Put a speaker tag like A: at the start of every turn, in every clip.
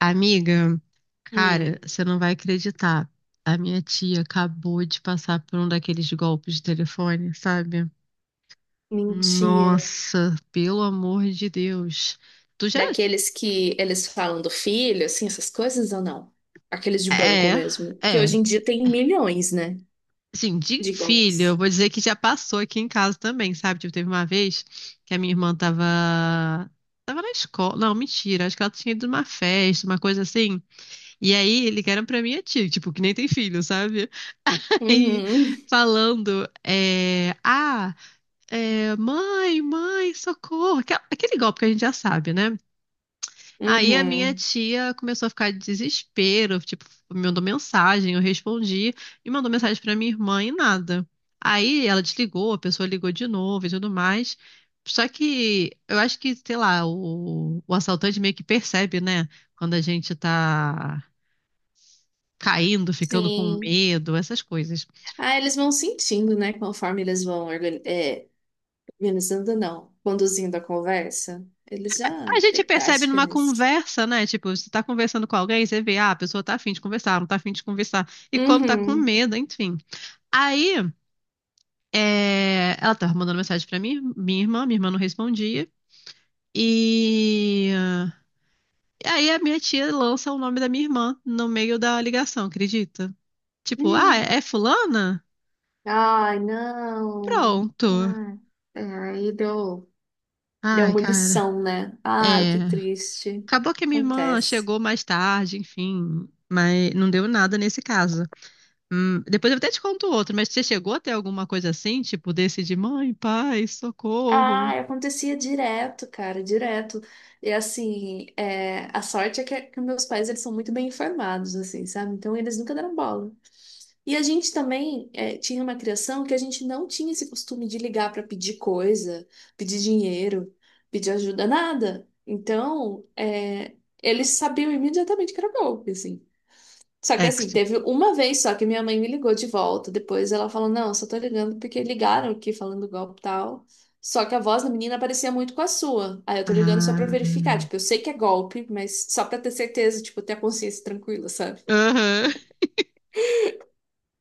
A: Amiga, cara,
B: Hum.
A: você não vai acreditar. A minha tia acabou de passar por um daqueles golpes de telefone, sabe?
B: Mentira.
A: Nossa, pelo amor de Deus. Tu já.
B: Daqueles que eles falam do filho, assim, essas coisas ou não? Aqueles de banco
A: É,
B: mesmo. Que hoje
A: é.
B: em dia tem milhões, né?
A: Assim, de
B: De
A: filho, eu
B: golpes.
A: vou dizer que já passou aqui em casa também, sabe? Tipo, teve uma vez que a minha irmã tava. Tava na escola. Não, mentira. Acho que ela tinha ido numa festa, uma coisa assim. E aí ligaram pra minha tia, tipo, que nem tem filho, sabe? E
B: Uhum,
A: falando, mãe, socorro, aquele golpe que a gente já sabe, né? Aí a minha
B: uhum,
A: tia começou a ficar de desespero, tipo, me mandou mensagem, eu respondi, e mandou mensagem pra minha irmã e nada. Aí ela desligou, a pessoa ligou de novo e tudo mais. Só que eu acho que, sei lá, o assaltante meio que percebe, né? Quando a gente tá caindo, ficando com
B: sim.
A: medo, essas coisas.
B: Ah, eles vão sentindo, né? Conforme eles vão organizando, não, conduzindo a conversa. Eles já
A: A gente
B: têm
A: percebe
B: prática
A: numa
B: nisso.
A: conversa, né? Tipo, você tá conversando com alguém, você vê, ah, a pessoa tá afim de conversar, não tá afim de conversar. E quando tá com
B: Uhum.
A: medo, enfim. Aí, é, ela tava mandando mensagem pra mim, minha irmã não respondia. E... e aí a minha tia lança o nome da minha irmã no meio da ligação, acredita? Tipo, ah,
B: Hum.
A: é fulana?
B: Ai, não.
A: Pronto.
B: Ai, é, aí deu. Deu
A: Ai, cara.
B: munição, né? Ai,
A: É.
B: que triste.
A: Acabou que a minha irmã
B: Acontece.
A: chegou mais tarde, enfim, mas não deu nada nesse caso. Depois eu até te conto outro, mas você chegou a ter alguma coisa assim, tipo desse de mãe, pai, socorro?
B: Ah, acontecia direto, cara, direto. E assim, é, a sorte é que meus pais eles são muito bem informados, assim, sabe? Então eles nunca deram bola. E a gente também é, tinha uma criação que a gente não tinha esse costume de ligar para pedir coisa, pedir dinheiro, pedir ajuda, nada. Então, é, eles sabiam imediatamente que era golpe, assim. Só que assim,
A: Ex.
B: teve uma vez só que minha mãe me ligou de volta. Depois ela falou: não, só tô ligando porque ligaram aqui falando do golpe e tal. Só que a voz da menina parecia muito com a sua. Aí eu tô ligando só pra verificar.
A: Ah.
B: Tipo, eu sei que é golpe, mas só pra ter certeza, tipo, ter a consciência tranquila, sabe?
A: Aham.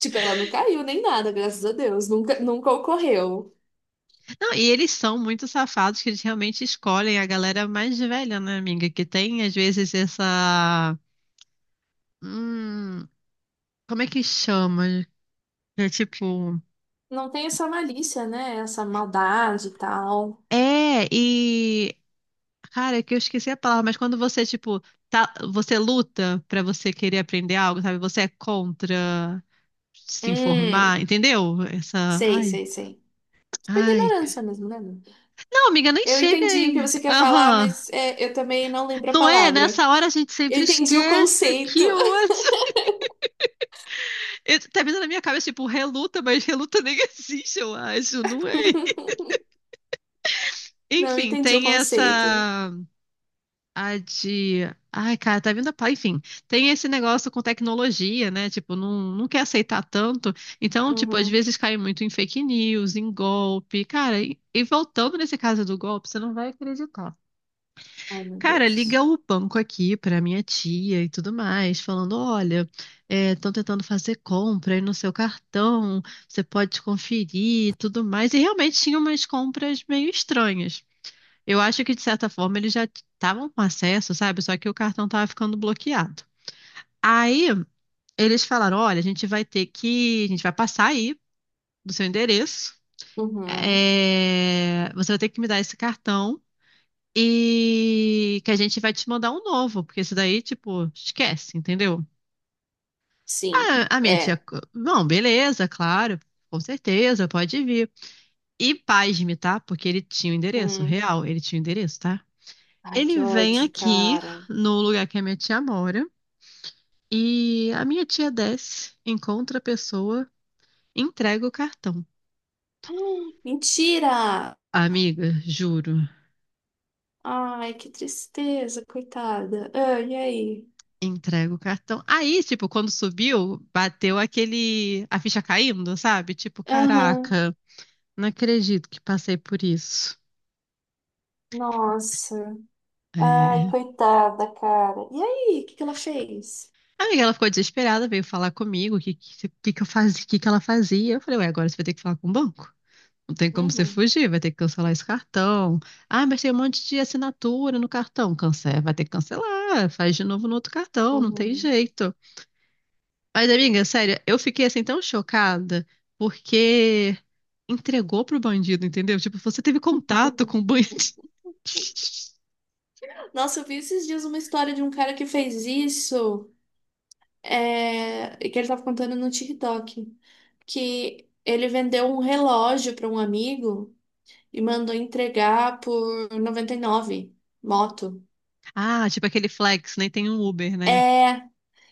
B: Tipo, ela não caiu nem nada, graças a Deus. Nunca, nunca ocorreu.
A: Não, e eles são muito safados que eles realmente escolhem a galera mais velha, né, amiga? Que tem, às vezes, essa. Hum, como é que chama? É tipo.
B: Não tem essa malícia, né? Essa maldade e tal.
A: É, e. Cara, é que eu esqueci a palavra, mas quando você, tipo, tá, você luta pra você querer aprender algo, sabe? Você é contra. Se
B: Hum,
A: informar, entendeu? Essa,
B: sei,
A: ai,
B: sei, sei. Tipo,
A: ai.
B: ignorância mesmo, né? Lu?
A: Não, amiga, nem
B: Eu
A: chega
B: entendi o que
A: aí.
B: você quer falar,
A: Aham.
B: mas é, eu também não lembro a
A: Não é?
B: palavra.
A: Nessa hora a gente
B: Eu
A: sempre
B: entendi o
A: esquece.
B: conceito.
A: Que ódio. Eu. Tá vindo na minha cabeça, tipo, reluta, mas reluta nem existe, eu acho, não é?
B: Não, eu
A: Enfim,
B: entendi o
A: tem
B: conceito.
A: essa. A de. Ai, cara, tá vindo a. Enfim, tem esse negócio com tecnologia, né? Tipo, não quer aceitar tanto. Então, tipo, às
B: Uhum.
A: vezes cai muito em fake news, em golpe. Cara, e voltando nesse caso do golpe, você não vai acreditar.
B: Ai, meu
A: Cara, liga
B: Deus.
A: o banco aqui para minha tia e tudo mais, falando: olha, estão tentando fazer compra aí no seu cartão, você pode conferir e tudo mais. E realmente tinha umas compras meio estranhas. Eu acho que, de certa forma, eles já estavam com acesso, sabe? Só que o cartão estava ficando bloqueado. Aí eles falaram: olha, a gente vai ter que. A gente vai passar aí do seu endereço.
B: Uhum.
A: É, você vai ter que me dar esse cartão. E que a gente vai te mandar um novo, porque esse daí, tipo, esquece, entendeu?
B: Sim.
A: Ah, a minha tia,
B: É.
A: não, beleza, claro, com certeza, pode vir. E pasme, tá? Porque ele tinha o endereço,
B: Hum.
A: real, ele tinha o endereço, tá?
B: Ai, que
A: Ele vem
B: ódio,
A: aqui
B: cara.
A: no lugar que a minha tia mora e a minha tia desce, encontra a pessoa, entrega o cartão.
B: Mentira!
A: Amiga, juro,
B: Ai, que tristeza, coitada. Ah, e aí?
A: entrega o cartão. Aí, tipo, quando subiu, bateu aquele, a ficha caindo, sabe? Tipo,
B: Aham.
A: caraca. Não acredito que passei por isso.
B: Nossa. Ai,
A: É.
B: coitada, cara. E aí, o que que ela fez?
A: A amiga, ela ficou desesperada, veio falar comigo o que eu fazia, que ela fazia. Eu falei, ué, agora você vai ter que falar com o banco. Não tem como você
B: Uhum.
A: fugir, vai ter que cancelar esse cartão. Ah, mas tem um monte de assinatura no cartão. Cancela, vai ter que cancelar, faz de novo no outro cartão, não tem
B: Uhum.
A: jeito. Mas, amiga, sério, eu fiquei assim tão chocada porque entregou pro bandido, entendeu? Tipo, você teve contato com o bandido.
B: Nossa, eu vi esses dias uma história de um cara que fez isso. É, que ele tava contando no TikTok, que ele vendeu um relógio para um amigo e mandou entregar por 99 moto.
A: Ah, tipo aquele Flex, nem tem um Uber, né?
B: É,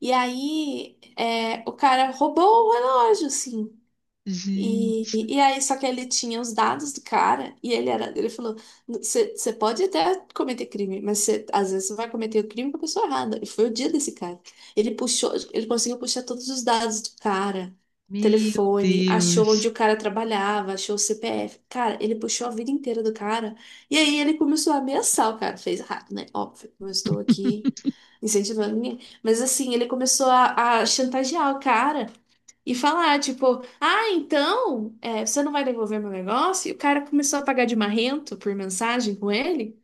B: e aí é, o cara roubou o relógio, assim. E,
A: Gente,
B: e, e aí, só que ele tinha os dados do cara e ele era, ele falou, você pode até cometer crime, mas cê, às vezes você vai cometer o crime com a pessoa errada. E foi o dia desse cara. Ele puxou, ele conseguiu puxar todos os dados do cara,
A: meu
B: telefone, achou onde
A: Deus.
B: o cara trabalhava, achou o CPF. Cara, ele puxou a vida inteira do cara. E aí ele começou a ameaçar o cara. Fez errado, né? Óbvio, não estou aqui incentivando ninguém. Mas assim, ele começou a chantagear o cara. E falar, tipo, ah, então, é, você não vai devolver meu negócio? E o cara começou a pagar de marrento por mensagem com ele.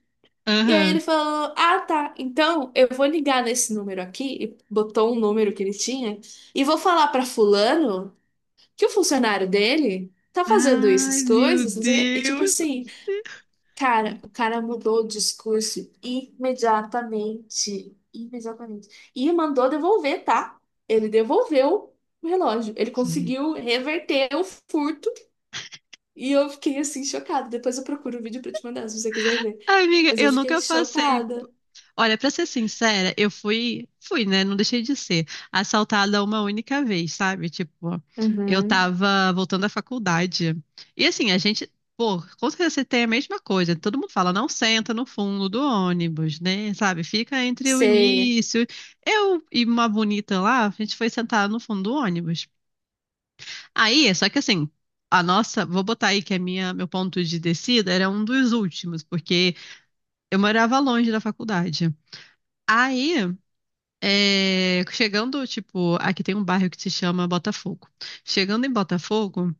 B: E aí ele
A: Aham.
B: falou, ah, tá, então eu vou ligar nesse número aqui, e botou um número que ele tinha, e vou falar pra fulano que o funcionário dele tá fazendo essas
A: Ai, meu
B: coisas, não sei o quê. E tipo
A: Deus do
B: assim, cara, o cara mudou o discurso imediatamente. Imediatamente. E mandou devolver, tá? Ele devolveu o relógio. Ele
A: céu.
B: conseguiu reverter o furto. E eu fiquei assim, chocada. Depois eu procuro o vídeo pra te mandar, se você quiser ver.
A: Amiga,
B: Mas eu
A: eu
B: fiquei
A: nunca passei.
B: chocada.
A: Olha, pra ser sincera, eu fui, né? Não deixei de ser assaltada uma única vez, sabe? Tipo, eu
B: Uhum.
A: tava voltando da faculdade. E assim, a gente, pô, com certeza você tem a mesma coisa. Todo mundo fala, não senta no fundo do ônibus, né? Sabe? Fica entre o
B: Sei.
A: início. Eu e uma bonita lá, a gente foi sentar no fundo do ônibus. Aí, é só que assim, a nossa, vou botar aí que meu ponto de descida era um dos últimos, porque eu morava longe da faculdade. Aí, é, chegando, tipo, aqui tem um bairro que se chama Botafogo. Chegando em Botafogo,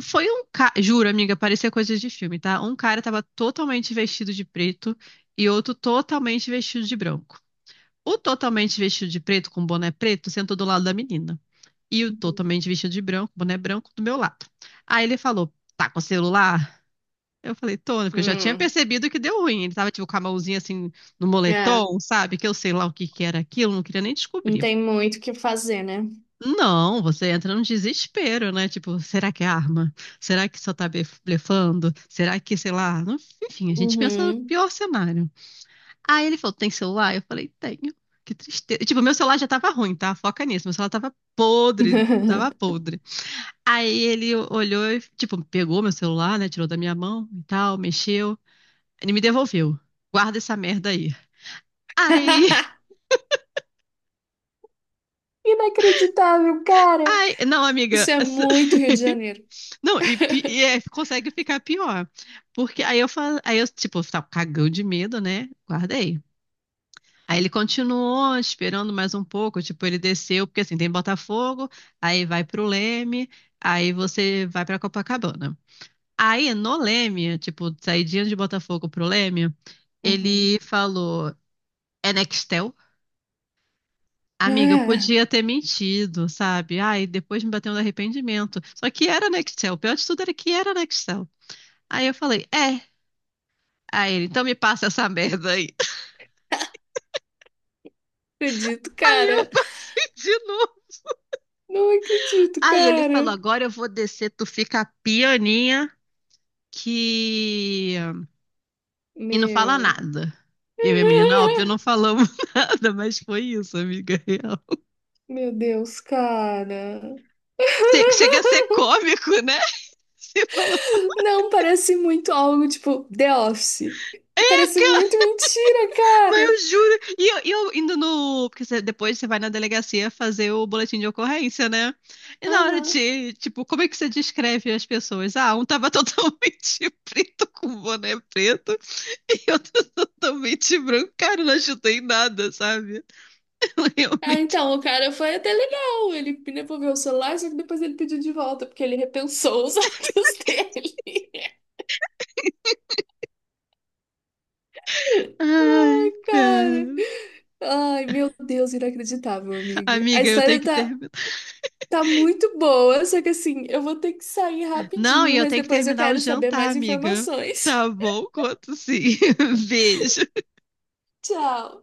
A: foi um cara, juro, amiga, parecia coisa de filme, tá? Um cara tava totalmente vestido de preto e outro totalmente vestido de branco. O totalmente vestido de preto, com boné preto, sentou do lado da menina. E eu
B: Uhum.
A: totalmente vestido de branco, boné branco do meu lado. Aí ele falou: tá com o celular? Eu falei: tô, né, porque eu já tinha
B: Hum,
A: percebido que deu ruim. Ele tava tipo com a mãozinha assim no
B: é,
A: moletom, sabe? Que eu sei lá o que que era aquilo, não queria nem
B: não
A: descobrir.
B: tem muito o que fazer, né?
A: Não, você entra num desespero, né? Tipo, será que é arma? Será que só tá blefando? Será que, sei lá? Não. Enfim, a gente pensa no
B: Uhum.
A: pior cenário. Aí ele falou: tem celular? Eu falei: tenho. Que tristeza. Tipo, meu celular já tava ruim, tá? Foca nisso. Meu celular tava podre, tava podre. Aí ele olhou e, tipo, pegou meu celular, né? Tirou da minha mão e tal, mexeu. Ele me devolveu. Guarda essa merda aí. Aí,
B: Inacreditável, cara.
A: aí. Não,
B: Isso
A: amiga.
B: é
A: Essa.
B: muito Rio de Janeiro.
A: Não, e é, consegue ficar pior. Porque aí eu falo, aí eu, tipo, tava cagão de medo, né? Guardei. Aí ele continuou esperando mais um pouco, tipo, ele desceu, porque assim, tem Botafogo, aí vai pro Leme, aí você vai pra Copacabana. Aí no Leme, tipo, saidinha de Botafogo pro Leme, ele
B: Uhum.
A: falou, é Nextel? Amiga, eu
B: Ah,
A: podia ter mentido, sabe? Ai, depois me bateu um arrependimento. Só que era Nextel. O pior de tudo era que era Nextel. Aí eu falei, é. Aí ele, então me passa essa merda aí.
B: acredito,
A: Aí eu
B: cara.
A: passei de novo.
B: Não acredito,
A: Aí ele falou,
B: cara.
A: agora eu vou descer, tu fica pianinha que... E não fala
B: Meu,
A: nada. Eu e a menina, óbvio, não falamos nada, mas foi isso, amiga real.
B: meu Deus, cara.
A: Chega a ser cômico, né? Você fala,
B: Não, parece muito algo tipo The Office. Parece muito mentira,
A: mas
B: cara.
A: eu juro. E eu indo no. Porque você. Depois você vai na delegacia fazer o boletim de ocorrência, né? E na hora
B: Aham.
A: de. Tipo, como é que você descreve as pessoas? Ah, um tava totalmente preto com boné preto e outro totalmente branco. Cara, eu não ajudei em nada, sabe?
B: Ah,
A: Realmente.
B: então, o cara foi até legal. Ele devolveu o celular, só que depois ele pediu de volta, porque ele repensou os atos dele. Ai,
A: Ai,
B: cara.
A: cara.
B: Ai, meu Deus, inacreditável, amiga. A
A: Amiga, eu tenho
B: história
A: que
B: tá
A: terminar.
B: tá muito boa, só que assim, eu vou ter que sair
A: Não, e
B: rapidinho,
A: eu
B: mas
A: tenho que
B: depois eu
A: terminar o
B: quero saber
A: jantar,
B: mais
A: amiga.
B: informações.
A: Tá bom, quanto sim. Beijo.
B: Tchau.